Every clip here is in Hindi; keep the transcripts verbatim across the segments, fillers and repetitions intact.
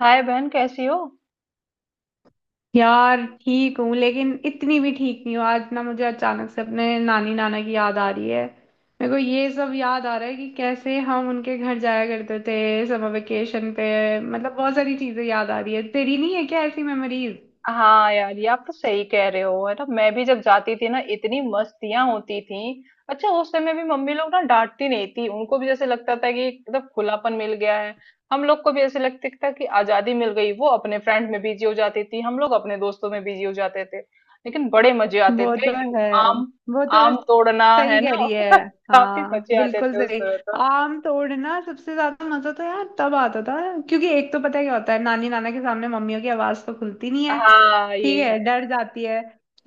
हाय बहन, कैसी हो। यार ठीक हूँ, लेकिन इतनी भी ठीक नहीं हूँ। आज ना मुझे अचानक से अपने नानी नाना की याद आ रही है। मेरे को ये सब याद आ रहा है कि कैसे हम उनके घर जाया करते थे समर वेकेशन पे। मतलब बहुत सारी चीजें याद आ रही है। तेरी नहीं है क्या ऐसी मेमोरीज? हाँ यार, ये आप तो सही कह रहे हो, है ना। मैं भी जब जाती थी ना, इतनी मस्तियां होती थी। अच्छा, उस समय भी मम्मी लोग ना डांटती नहीं थी, उनको भी जैसे लगता था कि एकदम खुलापन मिल गया है। हम लोग को भी ऐसे लगता था कि आजादी मिल गई। वो अपने फ्रेंड में बिजी हो जाती थी, हम लोग अपने दोस्तों में बिजी हो जाते थे, लेकिन बड़े मजे आते वो थे। तो यू है। आम। वो तो आम तोड़ना, है सही कह ना। रही है। काफी हाँ, मजे आते बिल्कुल थे उस सही। समय तो। आम तोड़ना सबसे ज्यादा मजा तो यार तब आता था, क्योंकि एक तो पता है क्या होता है, नानी नाना के सामने मम्मियों की आवाज तो खुलती नहीं है। हाँ ठीक ये। है, डर जाती है।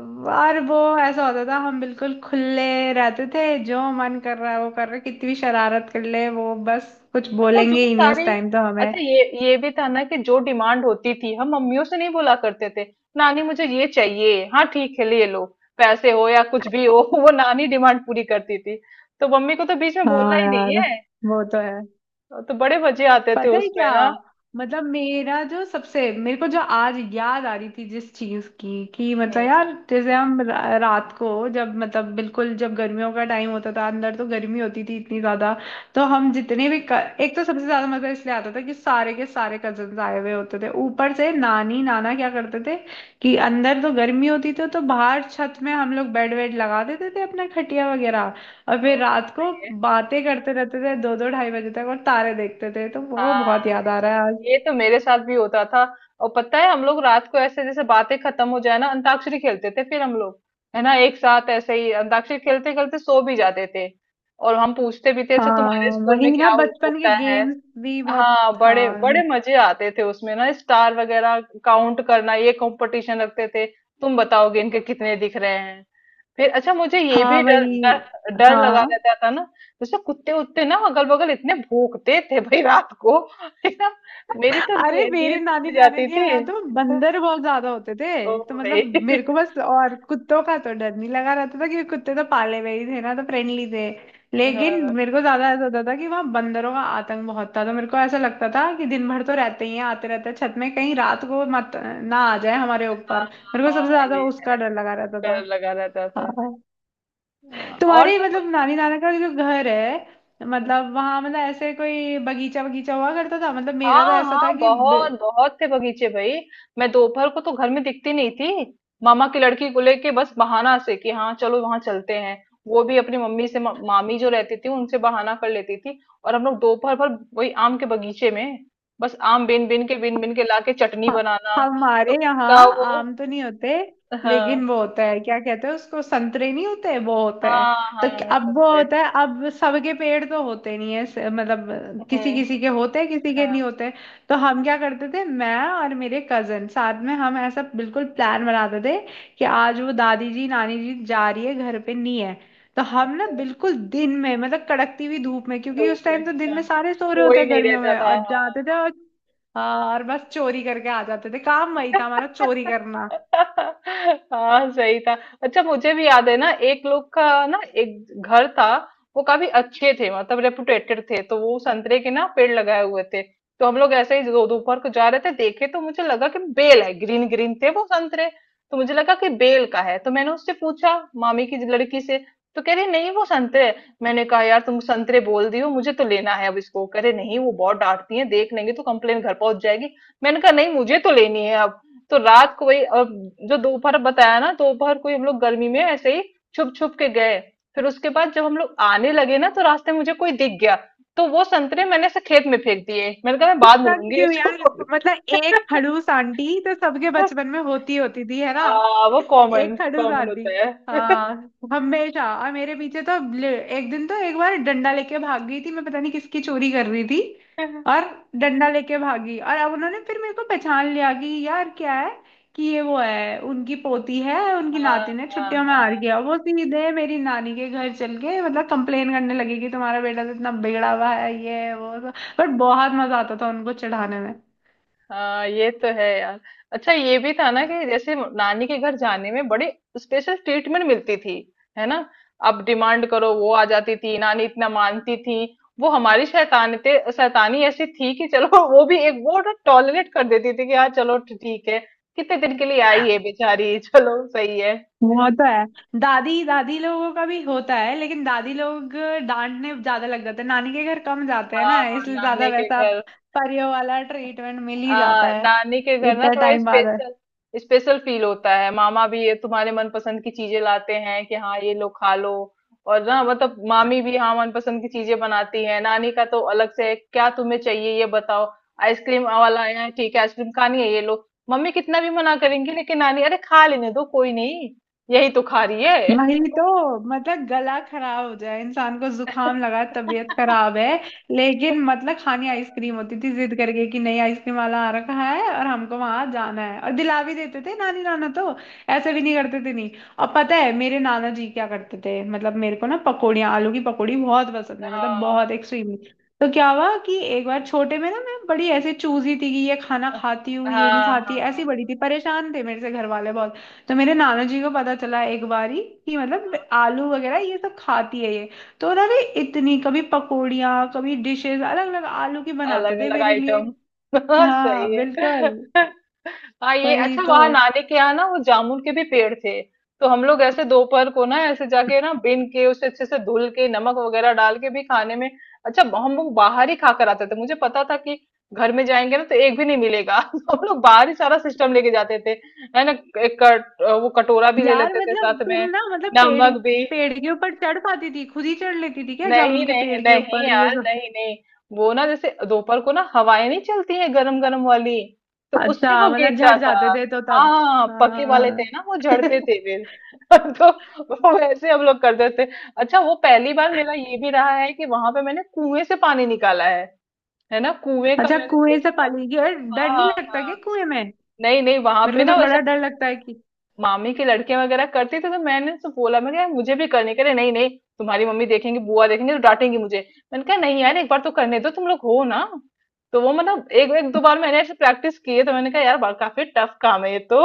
और वो ऐसा होता था, हम बिल्कुल खुले रहते थे, जो मन कर रहा है वो कर रहे, कितनी भी शरारत कर ले वो बस कुछ अच्छा जो बोलेंगे ही नहीं उस सारी। टाइम तो अच्छा, हमें। ये ये भी था ना कि जो डिमांड होती थी हम मम्मियों से नहीं बोला करते थे। नानी मुझे ये चाहिए, हाँ ठीक है ले लो, पैसे हो या कुछ भी हो। वो नानी डिमांड पूरी करती थी, तो मम्मी को तो बीच में बोलना हाँ ही नहीं यार, है। वो तो है। तो बड़े मजे आते थे पता है उसमें क्या, ना। मतलब मेरा जो सबसे मेरे को जो आज याद आ रही थी जिस चीज की कि मतलब हम्म। यार, जैसे हम रा- रात को जब मतलब बिल्कुल जब गर्मियों का टाइम होता था, अंदर तो गर्मी होती थी इतनी ज्यादा। तो हम हम्म, जितने भी क- एक तो सबसे ज्यादा मजा इसलिए आता था कि सारे के सारे कजन आए हुए होते थे, ऊपर से नानी नाना क्या करते थे कि अंदर तो गर्मी होती थी, तो बाहर छत में हम लोग बेड वेड लगा देते थे अपना खटिया वगैरह। और तो फिर रात को सही है। बातें करते रहते थे दो दो ढाई बजे तक, और तारे देखते थे, तो वो बहुत हाँ, याद आ रहा है आज। ये तो मेरे साथ भी होता था। और पता है हम लोग रात को ऐसे जैसे बातें खत्म हो जाए ना, अंताक्षरी खेलते थे फिर हम लोग, है ना। एक साथ ऐसे ही अंताक्षरी खेलते खेलते सो भी जाते थे। और हम पूछते भी थे, अच्छा तुम्हारे हाँ स्कूल वही में क्या ना, हो, बचपन के होता है। गेम्स भी बहुत हाँ था। बड़े बड़े मजे आते थे उसमें ना। स्टार वगैरह काउंट करना, ये कंपटीशन रखते थे। तुम बताओगे इनके कितने दिख रहे हैं। फिर अच्छा, मुझे ये भी हाँ डर वही। डर डर लगा हाँ। रहता था ना, जैसे कुत्ते उत्ते ना अगल बगल इतने भौंकते थे भाई, रात को, है ना। मेरी तो अरे, नी, मेरे नींद नानी टूट नाना जाती के थी। यहाँ तो बंदर बहुत ज्यादा होते थे, ओ तो भाई। मतलब मेरे को बस, और कुत्तों का तो डर नहीं लगा रहता था क्योंकि कुत्ते तो पाले हुए ही थे ना, तो फ्रेंडली थे। लेकिन हाँ मेरे को ज्यादा ऐसा होता था कि वहाँ बंदरों का आतंक बहुत था, तो मेरे को ऐसा लगता था कि दिन भर तो रहते ही हैं, आते रहते हैं छत में, कहीं रात को मत ना आ जाए हमारे हाँ ऊपर। मेरे को हाँ, सबसे ज्यादा ये उसका है। डर लगा रहता था। डर लगा रहता था। हाँ। हाँ, और। तुम्हारे तो। मतलब नानी नाना का जो घर है, मतलब वहां, मतलब ऐसे कोई बगीचा बगीचा हुआ करता था? मतलब मेरा तो हाँ ऐसा हाँ, था कि बहुत बहुत थे बगीचे भाई। मैं दोपहर को तो घर में दिखती नहीं थी। मामा की लड़की को लेके, बस बहाना से कि हाँ चलो वहां चलते हैं। वो भी अपनी मम्मी से, मा- मामी जो रहती थी उनसे बहाना कर लेती थी। और हम लोग दोपहर भर वही आम के बगीचे में, बस आम बिन बिन के बिन बिन के लाके चटनी हाँ, बनाना। तो हमारे यहाँ उसका वो। आम तो नहीं होते, लेकिन हाँ वो होता है, क्या कहते हैं उसको, संतरे नहीं होते, वो होता है। हाँ, तो क- हाँ अब वो संतरे। होता है, अब सबके पेड़ तो होते नहीं है, स- मतलब हम्म किसी हम्म, किसी के होते हैं, किसी के हाँ। नहीं होते। तो हम क्या करते थे, मैं और मेरे कजन साथ में हम ऐसा बिल्कुल प्लान बनाते थे कि आज वो दादी जी, नानी जी जा रही है, घर पे नहीं है, तो हम ना अच्छा, बिल्कुल दिन में, मतलब कड़कती हुई धूप में, क्योंकि धूप उस में। टाइम तो दिन हाँ, में सारे सो रहे होते कोई हैं नहीं गर्मियों रहता में, था, और हाँ जाते हाँ, थे, हाँ। और हाँ, और बस चोरी करके आ जाते थे। काम वही था हमारा, चोरी करना। हाँ सही था। अच्छा मुझे भी याद है ना, एक लोग का ना, एक घर था। वो काफी अच्छे थे, मतलब रेपुटेटेड थे, तो वो संतरे के ना पेड़ लगाए हुए थे। तो हम लोग ऐसे ही दो- दोपहर को जा रहे थे, देखे तो मुझे लगा कि बेल है, ग्रीन ग्रीन थे वो संतरे। तो मुझे लगा कि बेल का है, तो मैंने उससे पूछा, मामी की लड़की से। तो कह रही, नहीं वो संतरे है। मैंने कहा, यार तुम संतरे बोल दियो, मुझे तो लेना है अब इसको। कह रहे नहीं, वो बहुत डांटती है, देख लेंगे तो कंप्लेन घर पहुंच जाएगी। मैंने कहा नहीं, मुझे तो लेनी है अब। तो रात को वही, और जो दोपहर बताया ना दोपहर को ही हम लोग गर्मी में ऐसे ही छुप छुप के गए। फिर उसके बाद जब हम लोग आने लगे ना, तो रास्ते में मुझे कोई दिख गया। तो वो संतरे मैंने ऐसे खेत में फेंक दिए, मैंने कहा मैं बाद में पता नहीं लूंगी क्यों यार, उसको। मतलब एक खड़ूस आंटी तो सबके बचपन में होती होती थी है ना, आ, वो कॉमन एक खड़ूस कॉमन आंटी। होता है। हाँ हमेशा, और मेरे पीछे तो ले- एक दिन तो, एक बार डंडा लेके भाग गई थी, मैं पता नहीं किसकी चोरी कर रही थी, हाँ और डंडा लेके भागी। और अब उन्होंने फिर मेरे को पहचान लिया कि यार क्या है, कि ये वो है, उनकी पोती है, उनकी हाँ नातिन है, छुट्टियों में आ हाँ रही है, और वो सीधे मेरी नानी के घर चल के मतलब कंप्लेन करने लगी कि तुम्हारा बेटा तो इतना बिगड़ा हुआ है, ये है, वो। पर बहुत मजा आता था उनको चढ़ाने में। हाँ, ये तो है यार। अच्छा ये भी था ना कि जैसे नानी के घर जाने में बड़ी स्पेशल ट्रीटमेंट मिलती थी, है ना। अब डिमांड करो वो आ जाती थी, नानी इतना मानती थी। वो हमारी शैतानते शैतानी ऐसी थी कि चलो, वो भी एक वो ना टॉलरेट कर देती थी, कि हाँ चलो ठीक है, कितने दिन के लिए आई है बेचारी। चलो सही है। वो तो है, दादी दादी लोगों का भी होता है, लेकिन दादी लोग डांटने ज्यादा लग जाते हैं, नानी के घर कम जाते हैं ना हाँ इसलिए, ज्यादा नानी के वैसा घर। परियों वाला ट्रीटमेंट मिल ही जाता आ, है नानी के घर ना इतने थोड़ा टाइम बाद। स्पेशल, स्पेशल फील होता है। मामा भी ये तुम्हारे मनपसंद की चीजें लाते हैं कि हाँ ये लो खा लो। और ना मतलब मामी भी हाँ मनपसंद की चीजें बनाती है। नानी का तो अलग से है, क्या तुम्हें चाहिए ये बताओ। आइसक्रीम वाला आया है, हाँ ठीक है आइसक्रीम खानी है ये लो। मम्मी कितना भी मना करेंगी, लेकिन नानी, अरे खा लेने दो कोई नहीं, यही तो खा रही है। वही तो, मतलब गला खराब हो जाए, इंसान को जुकाम लगा, तबीयत खराब है, लेकिन मतलब खानी आइसक्रीम होती थी जिद करके, कि नहीं, आइसक्रीम वाला आ रखा है और हमको वहां जाना है, और दिला भी देते थे नानी नाना तो, ऐसे भी नहीं करते थे नहीं। और पता है मेरे नाना जी क्या करते थे, मतलब मेरे को ना पकौड़ियाँ, आलू की पकौड़ी बहुत पसंद है, मतलब हाँ बहुत एक्सट्रीमली। तो क्या हुआ कि एक बार छोटे में ना मैं बड़ी ऐसे चूजी थी कि ये खाना खाती हूँ, ये नहीं हाँ खाती, हाँ ऐसी बड़ी थी, परेशान थे मेरे से घर वाले बहुत। तो मेरे नाना जी को पता चला एक बारी कि हाँ, मतलब आलू वगैरह ये सब खाती है ये, तो ना वे इतनी कभी पकौड़ियाँ, कभी डिशेस अलग अलग आलू की बनाते अलग थे अलग मेरे लिए। आइटम। सही हाँ, है। बिल्कुल। हाँ, ये वही अच्छा तो वहां नानी के यहाँ ना वो जामुन के भी पेड़ थे। तो हम लोग ऐसे दोपहर को ना ऐसे जाके ना बिन के, उसे अच्छे से धुल के नमक वगैरह डाल के भी खाने में। अच्छा हम लोग बाहर ही खा कर आते थे, मुझे पता था कि घर में जाएंगे ना तो एक भी नहीं मिलेगा। तो हम लोग बाहर ही सारा सिस्टम लेके जाते थे, है ना। एक कट, वो कटोरा भी ले यार, लेते थे मतलब साथ तुम में, ना, मतलब पेड़, नमक भी। पेड़ के ऊपर चढ़ पाती थी, खुद ही चढ़ लेती थी क्या नहीं जामुन के नहीं पेड़ के नहीं ऊपर ये यार, सब? नहीं नहीं। वो ना जैसे दोपहर को ना हवाएं नहीं चलती है, गरम गरम वाली, तो उससे वो अच्छा, मतलब गिरता झड़ था। जाते थे तो हाँ तब। हाँ, हाँ, पके वाले थे हाँ। ना वो झड़ते थे फिर। तो वो वैसे हम लोग करते थे। अच्छा, वो पहली बार मेरा ये भी रहा है कि वहां पे मैंने कुएं से पानी निकाला है है ना। कुएं का अच्छा, मैंने कुएं से देखा। पाली गई? और डर हाँ नहीं हाँ लगता क्या हाँ। कुएं में? नहीं नहीं वहां मेरे पे को ना तो वैसे बड़ा डर लगता है। मामी के लड़के वगैरह करते थे, तो मैंने तो बोला मैं, यार मुझे भी करने के लिए, नहीं नहीं तुम्हारी मम्मी देखेंगी, बुआ देखेंगी तो डांटेंगी मुझे। मैंने कहा नहीं यार, एक बार तो करने दो, तुम लोग हो ना। तो वो मतलब एक एक दो बार मैंने ऐसे प्रैक्टिस की है, तो मैंने कहा यार बा- काफी टफ काम है ये तो।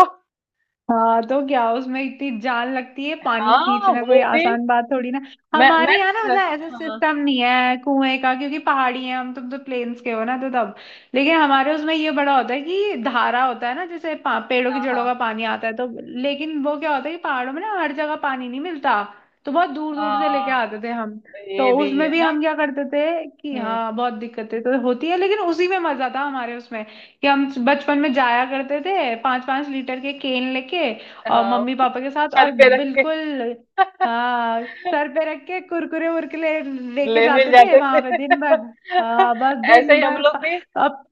हाँ तो क्या, उसमें इतनी जान लगती है, पानी हाँ खींचना कोई वो भी। आसान बात थोड़ी ना। मैं मैं। हमारे यहाँ ना, मतलब ऐसा हाँ सिस्टम नहीं है कुएं का, क्योंकि पहाड़ी है हम, तुम तो प्लेन्स के हो ना, तो तब। लेकिन हमारे उसमें ये बड़ा होता है कि धारा होता है ना, जैसे पा- पेड़ों की हाँ जड़ों हाँ का पानी आता है तो। लेकिन वो क्या होता है कि पहाड़ों में ना हर जगह पानी नहीं मिलता। तो बहुत दूर दूर से लेके हाँ, आते थे हम। तो ये भी उसमें है भी ना। हम क्या करते थे कि हम्म। हाँ, बहुत दिक्कतें तो होती है, लेकिन उसी में मजा था हमारे उसमें, कि हम बचपन में जाया करते थे पांच पांच लीटर के केन लेके, और हाँ, मम्मी पापा के साथ, सर और पे रख के। बिल्कुल, हाँ, सर पे रख के कुरकुरे वुरकुरे लेके ले मिल जाते थे जाते थे। वहां पे दिन भर। हाँ, बस ऐसे ही दिन हम भर लोग पा, भी अब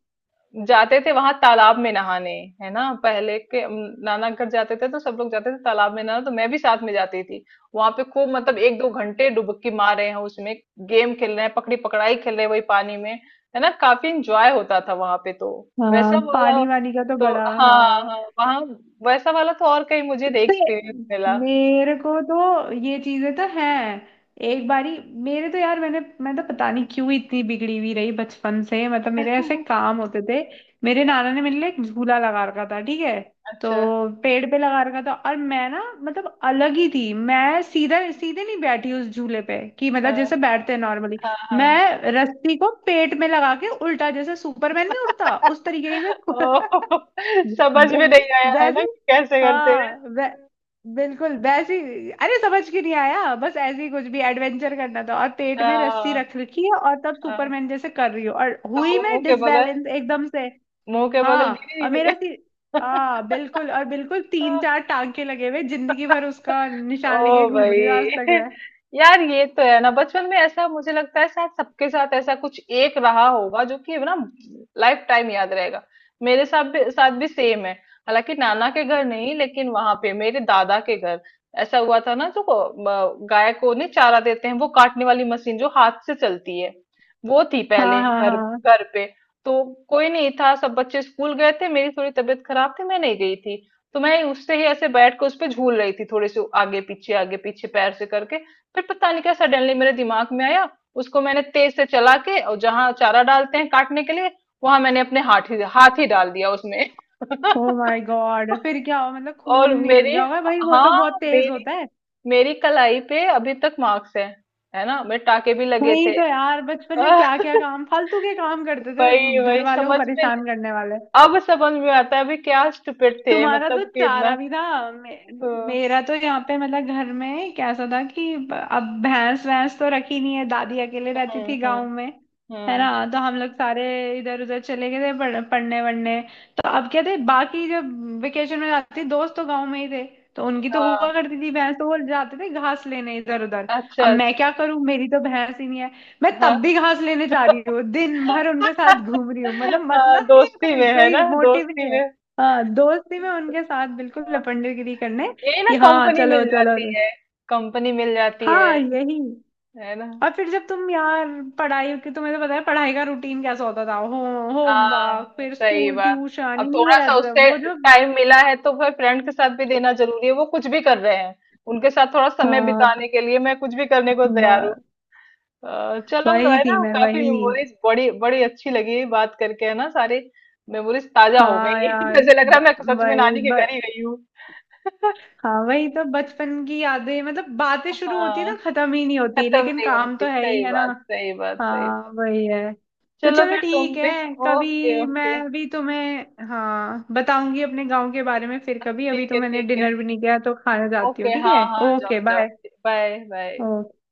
जाते थे वहां तालाब में नहाने, है ना। पहले के अम, नाना घर जाते थे तो सब लोग जाते थे तालाब में नहाने, तो मैं भी साथ में जाती थी। वहां पे खूब मतलब एक दो घंटे डुबकी मार रहे हैं उसमें, गेम खेल रहे हैं, पकड़ी पकड़ाई खेल रहे हैं वही पानी में, है ना। काफी इंजॉय होता था वहां पे तो। हाँ वैसा वाला पानी वानी का तो तो, बड़ा, हाँ हाँ। हाँ, वहाँ वैसा वाला तो और कहीं मुझे नहीं अरे, एक्सपीरियंस मिला। मेरे को तो ये चीजें तो हैं। एक बारी मेरे तो यार, मैंने मैं तो पता नहीं क्यों इतनी बिगड़ी हुई रही बचपन से, मतलब मेरे ऐसे काम होते थे। मेरे नाना ने मेरे लिए एक झूला लगा रखा था, ठीक है, तो अच्छा। पेड़ पे लगा रखा था, और मैं ना मतलब अलग ही थी मैं, सीधा सीधे नहीं बैठी उस झूले पे कि मतलब हाँ जैसे बैठते हैं नॉर्मली। हाँ हाँ। मैं रस्सी को पेट में लगा के उल्टा, जैसे सुपरमैन नहीं उड़ता, उस तरीके से। ओ, समझ में वै- नहीं आया, है वैसे, ना कि कैसे करते हाँ वै, हैं। बिल्कुल वैसे ही- अरे समझ के नहीं आया, बस ऐसे ही कुछ भी एडवेंचर करना था, और पेट में रस्सी हाँ रख रखी है, और तब हाँ, सुपरमैन जैसे कर रही हूँ, और तो हुई वो मुंह मैं के बगल, डिसबैलेंस एकदम से। मुंह के हाँ बगल और मेरा गिरी। सी हाँ बिल्कुल, और बिल्कुल तीन चार टांके लगे हुए, जिंदगी भर उसका निशान लेके ओ घूम रही हूँ आज भाई। तक मैं। यार ये तो है ना, बचपन में ऐसा मुझे लगता है शायद सबके साथ ऐसा कुछ एक रहा होगा जो कि ना लाइफ टाइम याद रहेगा। मेरे साथ भी साथ भी सेम है, हालांकि नाना के घर नहीं, लेकिन वहां पे मेरे दादा के घर ऐसा हुआ था ना। जो को- म- गाय को नहीं चारा देते हैं, वो काटने वाली मशीन जो हाथ से चलती है वो थी पहले हाँ हाँ घर हाँ। घर पे। तो कोई नहीं था, सब बच्चे स्कूल गए थे, मेरी थोड़ी तबीयत खराब थी, मैं नहीं गई थी। तो मैं उससे ही ऐसे बैठ के उस पे झूल रही थी, थोड़ी सी आगे पीछे आगे पीछे पैर से करके। फिर पता नहीं क्या सडनली मेरे दिमाग में आया, उसको मैंने तेज से चला के, और जहां चारा डालते हैं काटने के लिए, वहां मैंने अपने हाथ ही हाथ ही डाल दिया उसमें। ओ माय गॉड, फिर क्या हुआ, मतलब खून और निकल मेरी गया होगा भाई, वो तो बहुत हाँ तेज मेरी होता। मेरी कलाई पे अभी तक मार्क्स है है ना, मेरे टाके भी लगे वही थे। तो यार, बचपन में क्या क्या काम, फालतू के काम करते थे, वही घर वही वालों को समझ में नहीं। परेशान करने वाले। अब समझ में आता है अभी, क्या स्टूपिड थे तुम्हारा तो मतलब कि इतना। चारा भी था मे, हम्म मेरा तो यहाँ पे मतलब घर में कैसा था कि ब- अब भैंस भैंस तो रखी नहीं है, दादी अकेले रहती हम्म थी गांव हम्म में, है हम्म। ना, तो हम लोग सारे इधर उधर चले गए थे पढ़- पढ़ने वढ़ने। तो अब क्या थे बाकी, जब वेकेशन में जाती थी, दोस्त तो गांव में ही थे, तो उनकी तो हुआ हाँ, करती थी भैंस, तो वो जाते थे घास लेने इधर उधर। अच्छा अब मैं अच्छा। क्या करूं, मेरी तो भैंस ही नहीं है, मैं हाँ। तब भी घास लेने जा रही हूँ, दिन भर उनके साथ घूम रही हूँ, मतलब हाँ मतलब नहीं है दोस्ती कोई, में, है कोई ना, मोटिव दोस्ती नहीं में। है। हाँ, दोस्ती में उनके साथ बिल्कुल हाँ, लपंडेगिरी करने, यही ना, कि हाँ कंपनी चलो मिल चलो जाती चलो। है। कंपनी मिल जाती है हाँ, यही। है ना। और फिर जब तुम यार पढ़ाई की, तुम्हें तो पता है पढ़ाई का रूटीन कैसा होता था, हो, हाँ होमवर्क फिर सही स्कूल बात। ट्यूशन अब इन्हीं में थोड़ा सा रहते थे उससे वो जो। टाइम मिला है, तो फिर फ्रेंड के साथ भी देना जरूरी है, वो कुछ भी कर रहे हैं, उनके साथ थोड़ा समय हाँ। बिताने के लिए मैं कुछ भी करने को तैयार हूँ। ब- अ, चलो वही है थी ना, मैं, काफी वही। मेमोरीज बड़ी बड़ी अच्छी लगी बात करके, है ना, सारी मेमोरीज ताजा हो हाँ गई। यार, जैसे लग रहा है ब, मैं सच में वही नानी के ब, घर ही गई हूँ। हाँ, वही तो बचपन की यादें, मतलब बातें शुरू होती है हाँ, ना खत्म ही नहीं होती, खत्म लेकिन नहीं काम होती, तो है ही सही है ना। बात, सही बात, सही हाँ, बात। वही है। तो चलो चलो फिर तुम ठीक भी, है, ओके कभी ओके। मैं भी तुम्हें हाँ बताऊंगी अपने गांव के बारे में फिर कभी, अभी ठीक तो है मैंने ठीक है, डिनर भी नहीं किया, तो खाना जाती ओके, हूँ, ठीक है? हाँ हाँ ओके, जाओ जाओ। Bye bye. बाय।